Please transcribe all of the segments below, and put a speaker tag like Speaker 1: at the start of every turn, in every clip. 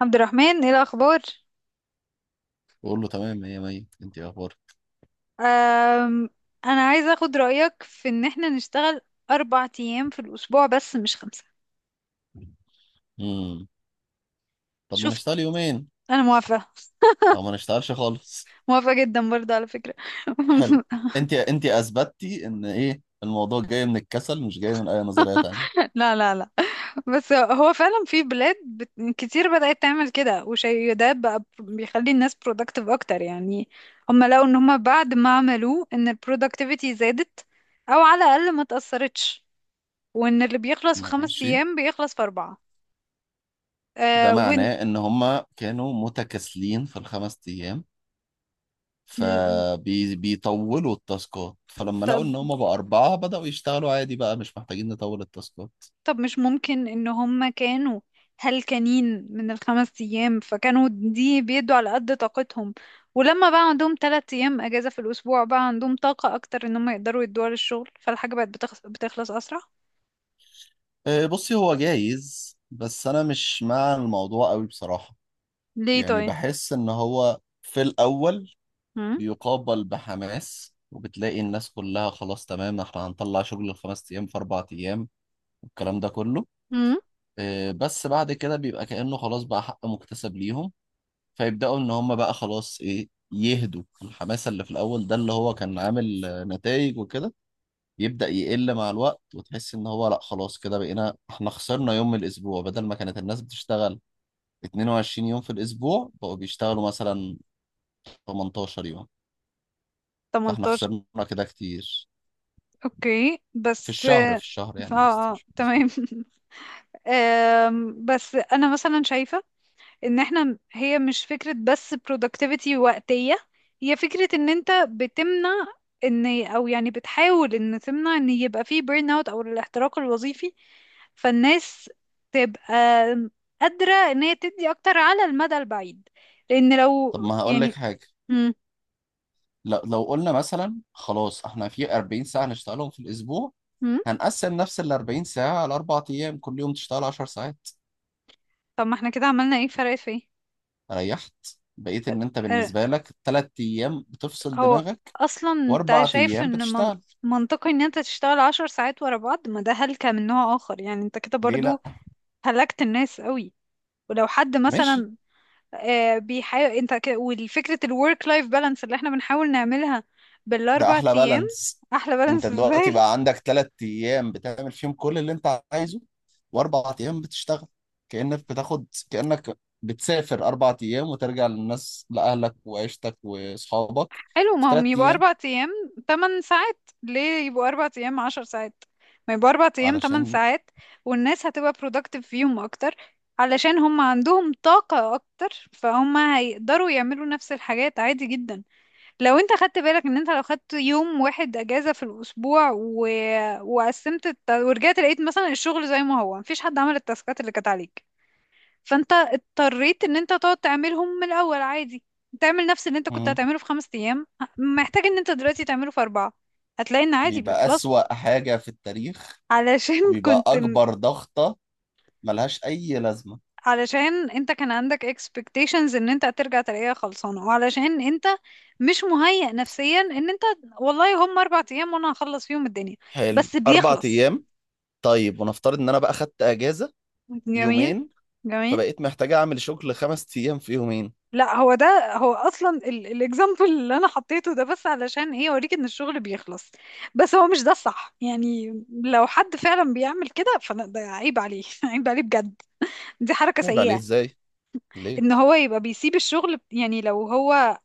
Speaker 1: عبد الرحمن، ايه الاخبار؟
Speaker 2: بقول له تمام مية مية، انت إيه اخبارك؟
Speaker 1: أم، انا عايزه اخد رايك في ان احنا نشتغل اربع ايام في الاسبوع بس مش خمسه.
Speaker 2: امم طب ما
Speaker 1: شفت؟
Speaker 2: نشتغل يومين
Speaker 1: انا موافقه.
Speaker 2: او ما نشتغلش خالص.
Speaker 1: موافقه جدا برضه على فكره.
Speaker 2: حلو. انت اثبتتي ان ايه الموضوع جاي من الكسل، مش جاي من اي نظرية تانية.
Speaker 1: لا لا لا، بس هو فعلا في بلاد كتير بدات تعمل كده، وشيء ده بقى بيخلي الناس productive اكتر يعني. هم لقوا ان هم بعد ما عملوه ان البرودكتيفيتي زادت، او على الاقل ما تاثرتش، وان اللي بيخلص في خمس
Speaker 2: ماشي.
Speaker 1: ايام بيخلص في اربعه.
Speaker 2: ده
Speaker 1: أه.
Speaker 2: معناه ان هما كانوا متكاسلين في ال 5 ايام
Speaker 1: وإن-
Speaker 2: فبيطولوا التاسكات، فلما لقوا ان هما بقى اربعة بدأوا يشتغلوا عادي، بقى مش محتاجين نطول التاسكات.
Speaker 1: طب مش ممكن ان هم كانوا هلكانين من الخمس ايام، فكانوا دي بيدوا على قد طاقتهم، ولما بقى عندهم تلات ايام اجازة في الاسبوع بقى عندهم طاقة اكتر ان هم يقدروا يدوها للشغل، فالحاجة بقت بتخلص, بتخلص اسرع.
Speaker 2: بصي، هو جايز بس انا مش مع الموضوع قوي بصراحة.
Speaker 1: ليه
Speaker 2: يعني
Speaker 1: طيب؟
Speaker 2: بحس ان هو في الاول
Speaker 1: هم.
Speaker 2: بيقابل بحماس، وبتلاقي الناس كلها خلاص تمام احنا هنطلع شغل ال 5 ايام في 4 ايام والكلام ده كله.
Speaker 1: هم.
Speaker 2: بس بعد كده بيبقى كأنه خلاص بقى حق مكتسب ليهم، فيبدأوا ان هم بقى خلاص ايه يهدوا الحماس اللي في الاول ده اللي هو كان عامل نتائج وكده، يبدأ يقل مع الوقت، وتحس ان هو لا خلاص كده بقينا احنا خسرنا يوم من الاسبوع، بدل ما كانت الناس بتشتغل 22 يوم في الاسبوع بقوا بيشتغلوا مثلا 18 يوم. فاحنا
Speaker 1: 18.
Speaker 2: خسرنا كده كتير
Speaker 1: اوكي،
Speaker 2: في
Speaker 1: بس
Speaker 2: الشهر. في
Speaker 1: اه،
Speaker 2: الشهر يعني قصدي،
Speaker 1: آه، آه،
Speaker 2: مش في الاسبوع.
Speaker 1: تمام. آم، بس انا مثلا شايفة ان احنا هي مش فكرة بس productivity وقتية، هي فكرة ان انت بتمنع ان او يعني بتحاول ان تمنع ان يبقى فيه burn out او الاحتراق الوظيفي، فالناس تبقى قادرة ان هي تدي اكتر على المدى البعيد، لان لو
Speaker 2: طب ما هقول لك
Speaker 1: يعني.
Speaker 2: حاجه،
Speaker 1: مم.
Speaker 2: لو قلنا مثلا خلاص احنا في 40 ساعه نشتغلهم في الاسبوع،
Speaker 1: مم.
Speaker 2: هنقسم نفس ال 40 ساعه على 4 ايام، كل يوم تشتغل 10 ساعات.
Speaker 1: طب ما احنا كده عملنا ايه؟ فرق في ايه؟
Speaker 2: ريحت، بقيت ان انت
Speaker 1: آه،
Speaker 2: بالنسبه لك 3 ايام بتفصل
Speaker 1: هو
Speaker 2: دماغك
Speaker 1: اصلا انت
Speaker 2: واربع
Speaker 1: شايف
Speaker 2: ايام
Speaker 1: ان
Speaker 2: بتشتغل.
Speaker 1: منطقي ان انت تشتغل عشر ساعات ورا بعض؟ ما ده هلكة من نوع اخر يعني، انت كده
Speaker 2: ليه لا؟
Speaker 1: برضو هلكت الناس قوي. ولو حد
Speaker 2: ماشي.
Speaker 1: مثلا آه، بيحاول انت والفكرة الورك لايف بالانس اللي احنا بنحاول نعملها
Speaker 2: ده
Speaker 1: بالاربع
Speaker 2: احلى
Speaker 1: ايام.
Speaker 2: بالانس.
Speaker 1: احلى
Speaker 2: انت
Speaker 1: بالانس
Speaker 2: دلوقتي
Speaker 1: ازاي؟
Speaker 2: بقى عندك 3 ايام بتعمل فيهم كل اللي انت عايزه واربع ايام بتشتغل، كأنك بتسافر 4 ايام وترجع للناس لأهلك وعيشتك واصحابك
Speaker 1: حلو،
Speaker 2: في
Speaker 1: ما هم
Speaker 2: ثلاث
Speaker 1: يبقوا
Speaker 2: ايام
Speaker 1: اربع ايام تمن ساعات، ليه يبقوا اربع ايام عشر ساعات؟ ما يبقوا اربع ايام تمن
Speaker 2: علشان
Speaker 1: ساعات، والناس هتبقى productive فيهم اكتر، علشان هم عندهم طاقة اكتر، فهم هيقدروا يعملوا نفس الحاجات عادي جدا. لو انت خدت بالك ان انت لو خدت يوم واحد اجازة في الاسبوع وقسمت ورجعت لقيت مثلا الشغل زي ما هو، مفيش حد عمل التاسكات اللي كانت عليك، فانت اضطريت ان انت تقعد تعملهم من الاول عادي. تعمل نفس اللي انت كنت
Speaker 2: مم.
Speaker 1: هتعمله في خمس ايام محتاج ان انت دلوقتي تعمله في اربعة. هتلاقي ان عادي
Speaker 2: بيبقى
Speaker 1: بيخلصوا.
Speaker 2: أسوأ حاجة في التاريخ،
Speaker 1: علشان
Speaker 2: وبيبقى
Speaker 1: كنت،
Speaker 2: اكبر ضغطة ملهاش اي لازمة.
Speaker 1: علشان انت كان عندك expectations ان انت هترجع تلاقيها خلصانة، وعلشان انت مش مهيأ نفسيا ان انت والله هم اربع ايام وانا هخلص فيهم الدنيا.
Speaker 2: حلو
Speaker 1: بس
Speaker 2: اربع
Speaker 1: بيخلص.
Speaker 2: ايام طيب، ونفترض ان انا بقى خدت اجازة
Speaker 1: جميل.
Speaker 2: يومين،
Speaker 1: جميل.
Speaker 2: فبقيت محتاج اعمل شغل 5 ايام في يومين.
Speaker 1: لا، هو ده هو اصلا الاكزامبل اللي انا حطيته، ده بس علشان ايه اوريك ان الشغل بيخلص، بس هو مش ده الصح يعني. لو حد فعلا بيعمل كده فده عيب عليه عيب عليه بجد، دي حركة
Speaker 2: عيب عليه
Speaker 1: سيئة.
Speaker 2: ازاي؟ ليه؟
Speaker 1: ان هو يبقى بيسيب الشغل يعني لو هو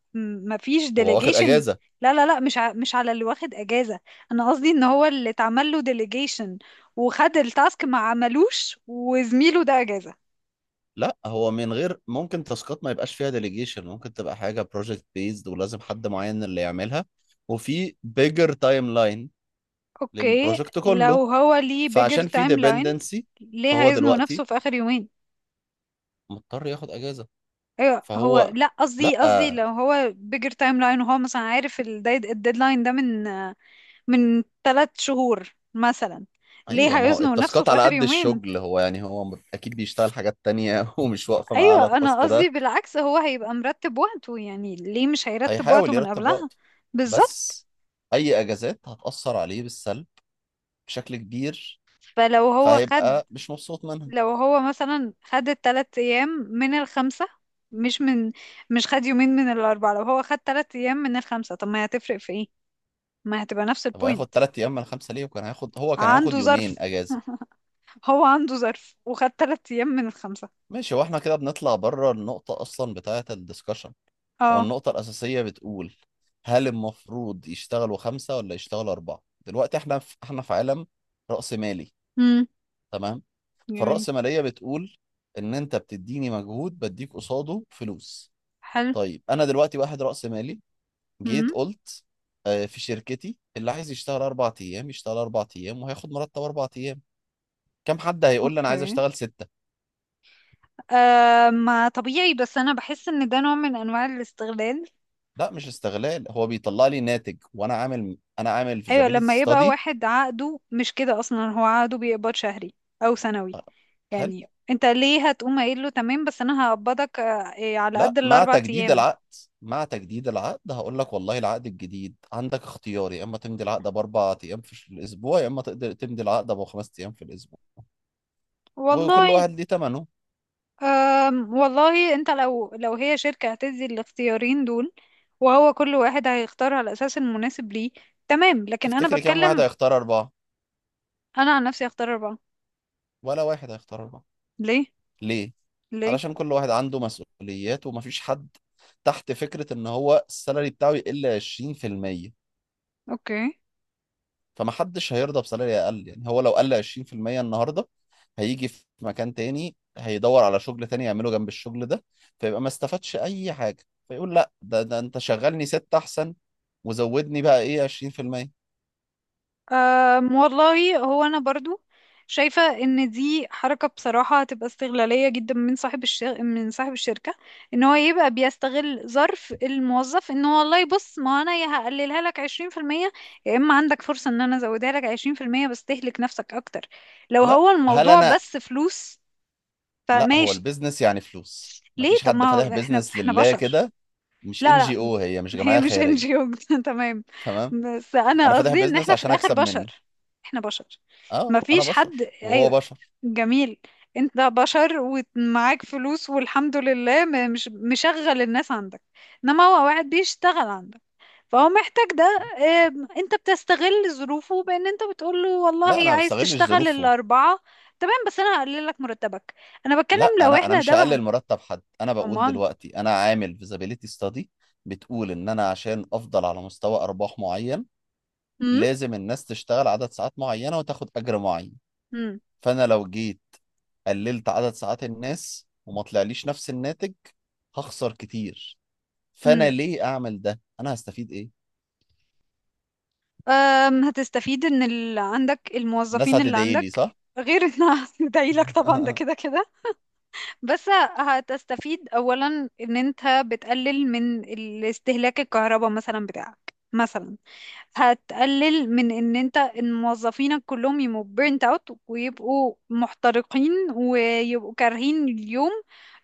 Speaker 1: ما فيش
Speaker 2: هو واخد
Speaker 1: ديليجيشن.
Speaker 2: اجازه.
Speaker 1: لا لا لا، مش مش على اللي واخد اجازة، انا قصدي ان هو اللي اتعمل له ديليجيشن وخد التاسك ما عملوش، وزميله ده اجازة.
Speaker 2: لا، هو من غير ممكن تاسكات ما يبقاش فيها ديليجيشن، ممكن تبقى حاجه بروجكت بيزد ولازم حد معين اللي يعملها، وفي بيجر تايم لاين
Speaker 1: اوكي.
Speaker 2: للبروجكت كله،
Speaker 1: لو هو ليه بيجر
Speaker 2: فعشان في
Speaker 1: تايم لاين
Speaker 2: ديبندنسي
Speaker 1: ليه
Speaker 2: فهو
Speaker 1: هيزنق نفسه
Speaker 2: دلوقتي
Speaker 1: في اخر يومين؟
Speaker 2: مضطر ياخد اجازه.
Speaker 1: ايوه هو،
Speaker 2: فهو
Speaker 1: لا
Speaker 2: لا
Speaker 1: قصدي لو هو بيجر تايم لاين وهو مثلا عارف الديدلاين ده من من ثلاث شهور مثلا،
Speaker 2: ايوه،
Speaker 1: ليه
Speaker 2: ما هو
Speaker 1: هيزنق نفسه
Speaker 2: التاسكات
Speaker 1: في
Speaker 2: على
Speaker 1: اخر
Speaker 2: قد
Speaker 1: يومين؟
Speaker 2: الشغل، هو يعني اكيد بيشتغل حاجات تانية ومش واقفه معاه على
Speaker 1: ايوه انا
Speaker 2: التاسك
Speaker 1: قصدي
Speaker 2: ده.
Speaker 1: بالعكس، هو هيبقى مرتب وقته، يعني ليه مش هيرتب وقته
Speaker 2: هيحاول
Speaker 1: من
Speaker 2: يرتب
Speaker 1: قبلها؟
Speaker 2: وقته،
Speaker 1: بالظبط.
Speaker 2: بس اي اجازات هتاثر عليه بالسلب بشكل كبير،
Speaker 1: فلو هو خد،
Speaker 2: فهيبقى مش مبسوط منها.
Speaker 1: لو هو مثلا خد التلات ايام من الخمسة، مش من، مش خد يومين من الاربعة. لو هو خد تلات ايام من الخمسة طب ما هي هتفرق في ايه؟ ما هتبقى نفس
Speaker 2: طب هياخد
Speaker 1: البوينت.
Speaker 2: 3 ايام من 5 ليه؟ وكان هياخد هو كان هياخد
Speaker 1: عنده ظرف.
Speaker 2: يومين اجازه.
Speaker 1: هو عنده ظرف وخد تلات ايام من الخمسة.
Speaker 2: ماشي. هو احنا كده بنطلع بره النقطه اصلا بتاعه الدسكشن. هو
Speaker 1: اه.
Speaker 2: النقطه الاساسيه بتقول هل المفروض يشتغلوا خمسه ولا يشتغلوا اربعه؟ دلوقتي احنا في عالم رأسمالي،
Speaker 1: امم.
Speaker 2: تمام؟
Speaker 1: جميل.
Speaker 2: فالرأسماليه بتقول ان انت بتديني مجهود بديك قصاده فلوس.
Speaker 1: حلو.
Speaker 2: طيب انا دلوقتي واحد رأسمالي، جيت
Speaker 1: امم.
Speaker 2: قلت في شركتي اللي عايز يشتغل 4 ايام يشتغل 4 ايام وهياخد مرتب 4 ايام. كم حد هيقول لي انا عايز
Speaker 1: اوكي.
Speaker 2: اشتغل ستة؟
Speaker 1: آه ما طبيعي، بس انا بحس ان ده نوع من انواع الاستغلال.
Speaker 2: لا، مش استغلال، هو بيطلع لي ناتج، وانا عامل انا عامل
Speaker 1: ايوه
Speaker 2: فيزابيليتي
Speaker 1: لما يبقى
Speaker 2: ستادي.
Speaker 1: واحد عقده مش كده، اصلا هو عقده بيقبض شهري او سنوي،
Speaker 2: حلو.
Speaker 1: يعني انت ليه هتقوم قايل له تمام بس انا هقبضك آه، إيه، على قد
Speaker 2: لا، مع
Speaker 1: الاربع
Speaker 2: تجديد
Speaker 1: ايام؟
Speaker 2: العقد، مع تجديد العقد هقول لك والله العقد الجديد عندك اختيار، يا اما تمضي العقد ب 4 ايام في الاسبوع يا اما تقدر تمضي العقد ب 5 ايام في الاسبوع، وكل
Speaker 1: والله.
Speaker 2: واحد ليه ثمنه.
Speaker 1: أم والله انت لو هي شركة هتدي الاختيارين دول، وهو كل واحد هيختار على اساس المناسب ليه، تمام. لكن انا
Speaker 2: تفتكري كم واحد
Speaker 1: بتكلم،
Speaker 2: هيختار اربعه؟
Speaker 1: انا عن نفسي هختار اربعة.
Speaker 2: ولا واحد هيختار اربعه.
Speaker 1: ليه؟
Speaker 2: ليه؟
Speaker 1: ليه؟
Speaker 2: علشان كل واحد عنده مسؤوليات ومفيش حد تحت فكره ان هو السالري بتاعه يقل 20%.
Speaker 1: اوكي.
Speaker 2: فما حدش هيرضى بسالري اقل يعني. هو لو قل 20% النهارده هيجي في مكان تاني، هيدور على شغل تاني يعمله جنب الشغل ده، فيبقى ما استفادش اي حاجه، فيقول لا، ده انت شغلني ستة احسن، وزودني بقى ايه 20%.
Speaker 1: أم والله هو، أنا برضو شايفة إن دي حركة بصراحة هتبقى استغلالية جدا من صاحب من صاحب الشركة، إن هو يبقى بيستغل ظرف الموظف. إن هو والله بص ما أنا يا هقللها لك عشرين في المية، يا إما عندك فرصة إن أنا أزودها لك عشرين في المية بس تهلك نفسك أكتر. لو
Speaker 2: لا
Speaker 1: هو
Speaker 2: هل
Speaker 1: الموضوع
Speaker 2: انا
Speaker 1: بس فلوس
Speaker 2: لا، هو
Speaker 1: فماشي.
Speaker 2: البيزنس يعني فلوس،
Speaker 1: ليه؟
Speaker 2: مفيش
Speaker 1: طب
Speaker 2: حد
Speaker 1: ما
Speaker 2: فاتح
Speaker 1: هو إحنا،
Speaker 2: بيزنس
Speaker 1: إحنا
Speaker 2: لله
Speaker 1: بشر.
Speaker 2: كده، مش ان
Speaker 1: لا لا
Speaker 2: جي او، هي مش
Speaker 1: هي
Speaker 2: جمعيه
Speaker 1: مش ان جي
Speaker 2: خيريه.
Speaker 1: او. تمام،
Speaker 2: تمام.
Speaker 1: بس
Speaker 2: انا
Speaker 1: انا
Speaker 2: فاتح
Speaker 1: قصدي ان
Speaker 2: بيزنس
Speaker 1: احنا في
Speaker 2: عشان
Speaker 1: الاخر
Speaker 2: اكسب منه.
Speaker 1: بشر. احنا بشر.
Speaker 2: اه،
Speaker 1: ما
Speaker 2: انا
Speaker 1: فيش حد،
Speaker 2: بشر وهو
Speaker 1: ايوه.
Speaker 2: بشر.
Speaker 1: جميل. انت بشر ومعاك فلوس والحمد لله، مش مشغل الناس عندك، انما هو واحد بيشتغل عندك، فهو محتاج ده. آم، انت بتستغل ظروفه بان انت بتقول له
Speaker 2: لا، انا
Speaker 1: والله
Speaker 2: ما
Speaker 1: عايز
Speaker 2: بستغلش
Speaker 1: تشتغل
Speaker 2: ظروفه.
Speaker 1: الاربعة تمام بس انا هقلل لك مرتبك. انا
Speaker 2: لا،
Speaker 1: بتكلم لو
Speaker 2: انا
Speaker 1: احنا
Speaker 2: مش
Speaker 1: ده بقى.
Speaker 2: هقلل مرتب حد، انا بقول
Speaker 1: امال.
Speaker 2: دلوقتي انا عامل فيزابيليتي ستادي. بتقول ان انا عشان افضل على مستوى ارباح معين لازم الناس تشتغل عدد ساعات معينه وتاخد اجر معين، فانا لو جيت قللت عدد ساعات الناس وما طلعليش نفس الناتج هخسر كتير. فانا
Speaker 1: امم.
Speaker 2: ليه اعمل ده، انا هستفيد ايه؟
Speaker 1: أم، هتستفيد ان عندك
Speaker 2: الناس
Speaker 1: الموظفين اللي
Speaker 2: هتدعي لي؟
Speaker 1: عندك،
Speaker 2: صح.
Speaker 1: غير انها هتدعي لك طبعا، ده كده كده. بس هتستفيد اولا ان انت بتقلل من استهلاك الكهرباء مثلا بتاعك مثلا. هتقلل من ان انت إن موظفينك كلهم يبقوا بيرنت اوت، ويبقوا محترقين ويبقوا كارهين اليوم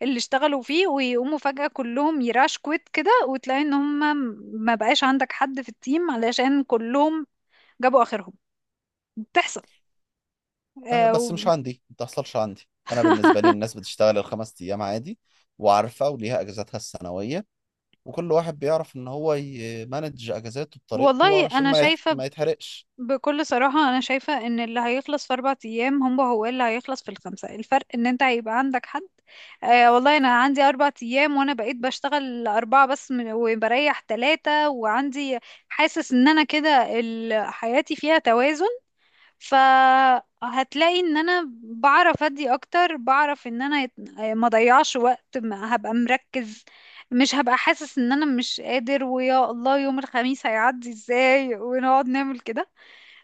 Speaker 1: اللي اشتغلوا فيه، ويقوموا فجأة كلهم يراش كويت كده، وتلاقي ان هم ما بقاش عندك حد في التيم علشان كلهم جابوا اخرهم. بتحصل. آه
Speaker 2: بس
Speaker 1: و...
Speaker 2: مش عندي، ما بتحصلش عندي، انا بالنسبه لي الناس بتشتغل ال 5 ايام عادي وعارفه وليها اجازاتها السنويه، وكل واحد بيعرف ان هو يمانج اجازاته بطريقته
Speaker 1: والله
Speaker 2: علشان
Speaker 1: انا شايفة،
Speaker 2: ما يتحرقش.
Speaker 1: بكل صراحة انا شايفة ان اللي هيخلص في اربع ايام هم هو اللي هيخلص في الخمسة، الفرق ان انت هيبقى عندك حد آه والله انا عندي اربع ايام وانا بقيت بشتغل اربعة بس من- وبريح ثلاثة، وعندي حاسس ان انا كده حياتي فيها توازن، فهتلاقي ان انا بعرف ادي اكتر، بعرف ان انا ما ضيعش وقت، ما هبقى مركز، مش هبقى حاسس ان انا مش قادر ويا الله يوم الخميس هيعدي ازاي ونقعد نعمل كده.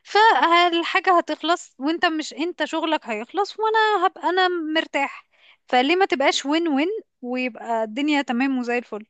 Speaker 1: فالحاجة هتخلص، وانت مش انت شغلك هيخلص وانا هبقى انا مرتاح، فليه ما تبقاش وين وين، ويبقى الدنيا تمام وزي الفل.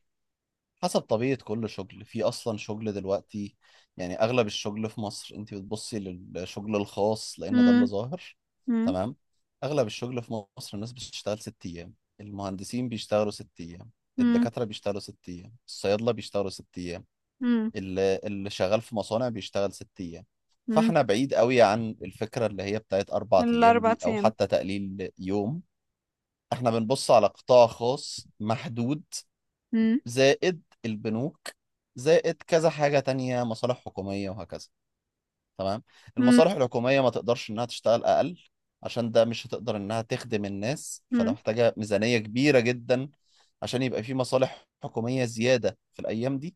Speaker 2: حسب طبيعة كل شغل. في اصلا شغل دلوقتي يعني اغلب الشغل في مصر، انت بتبصي للشغل الخاص لان ده اللي
Speaker 1: مم.
Speaker 2: ظاهر.
Speaker 1: مم.
Speaker 2: تمام. اغلب الشغل في مصر الناس بتشتغل 6 ايام، المهندسين بيشتغلوا 6 ايام،
Speaker 1: مم.
Speaker 2: الدكاترة بيشتغلوا 6 ايام، الصيادلة بيشتغلوا 6 ايام،
Speaker 1: مم.
Speaker 2: اللي شغال في مصانع بيشتغل 6 ايام.
Speaker 1: مم.
Speaker 2: فاحنا بعيد قوي عن الفكرة اللي هي بتاعت 4 ايام
Speaker 1: الاربع
Speaker 2: دي او
Speaker 1: ايام.
Speaker 2: حتى تقليل يوم. احنا بنبص على قطاع خاص محدود،
Speaker 1: مم.
Speaker 2: زائد البنوك، زائد كذا حاجة تانية، مصالح حكومية، وهكذا. تمام.
Speaker 1: مم.
Speaker 2: المصالح الحكومية ما تقدرش انها تشتغل اقل، عشان ده مش هتقدر انها تخدم الناس، فلو محتاجة ميزانية كبيرة جدا عشان يبقى في مصالح حكومية زيادة في الايام دي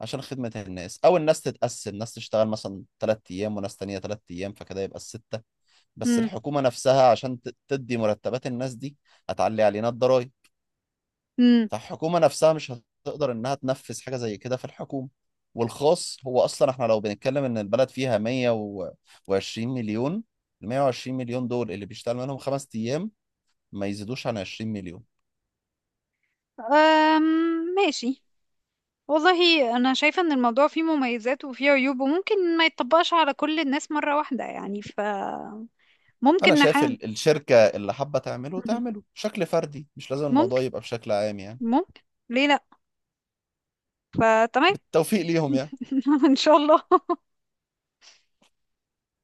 Speaker 2: عشان خدمة الناس، او الناس تتقسم، ناس تشتغل مثلا 3 ايام وناس تانية 3 ايام فكده يبقى الستة. بس
Speaker 1: مم.
Speaker 2: الحكومة نفسها عشان تدي مرتبات الناس دي هتعلي علينا الضرايب.
Speaker 1: مم.
Speaker 2: فالحكومة نفسها مش هتقدر إنها تنفذ حاجة زي كده في الحكومة. والخاص، هو أصلا إحنا لو بنتكلم إن البلد فيها 120 مليون، ال 120 مليون دول اللي بيشتغل منهم خمس أيام ما يزيدوش عن 20 مليون.
Speaker 1: أم. ماشي. والله أنا شايفة إن الموضوع فيه مميزات وفيه عيوب، وممكن ما يتطبقش على كل الناس مرة واحدة يعني، فممكن
Speaker 2: أنا شايف
Speaker 1: نحاول.
Speaker 2: الشركة اللي حابة تعمله تعمله بشكل فردي، مش لازم الموضوع
Speaker 1: ممكن.
Speaker 2: يبقى بشكل عام يعني.
Speaker 1: ممكن. ليه لأ؟ فتمام.
Speaker 2: بالتوفيق ليهم يعني.
Speaker 1: إن شاء الله.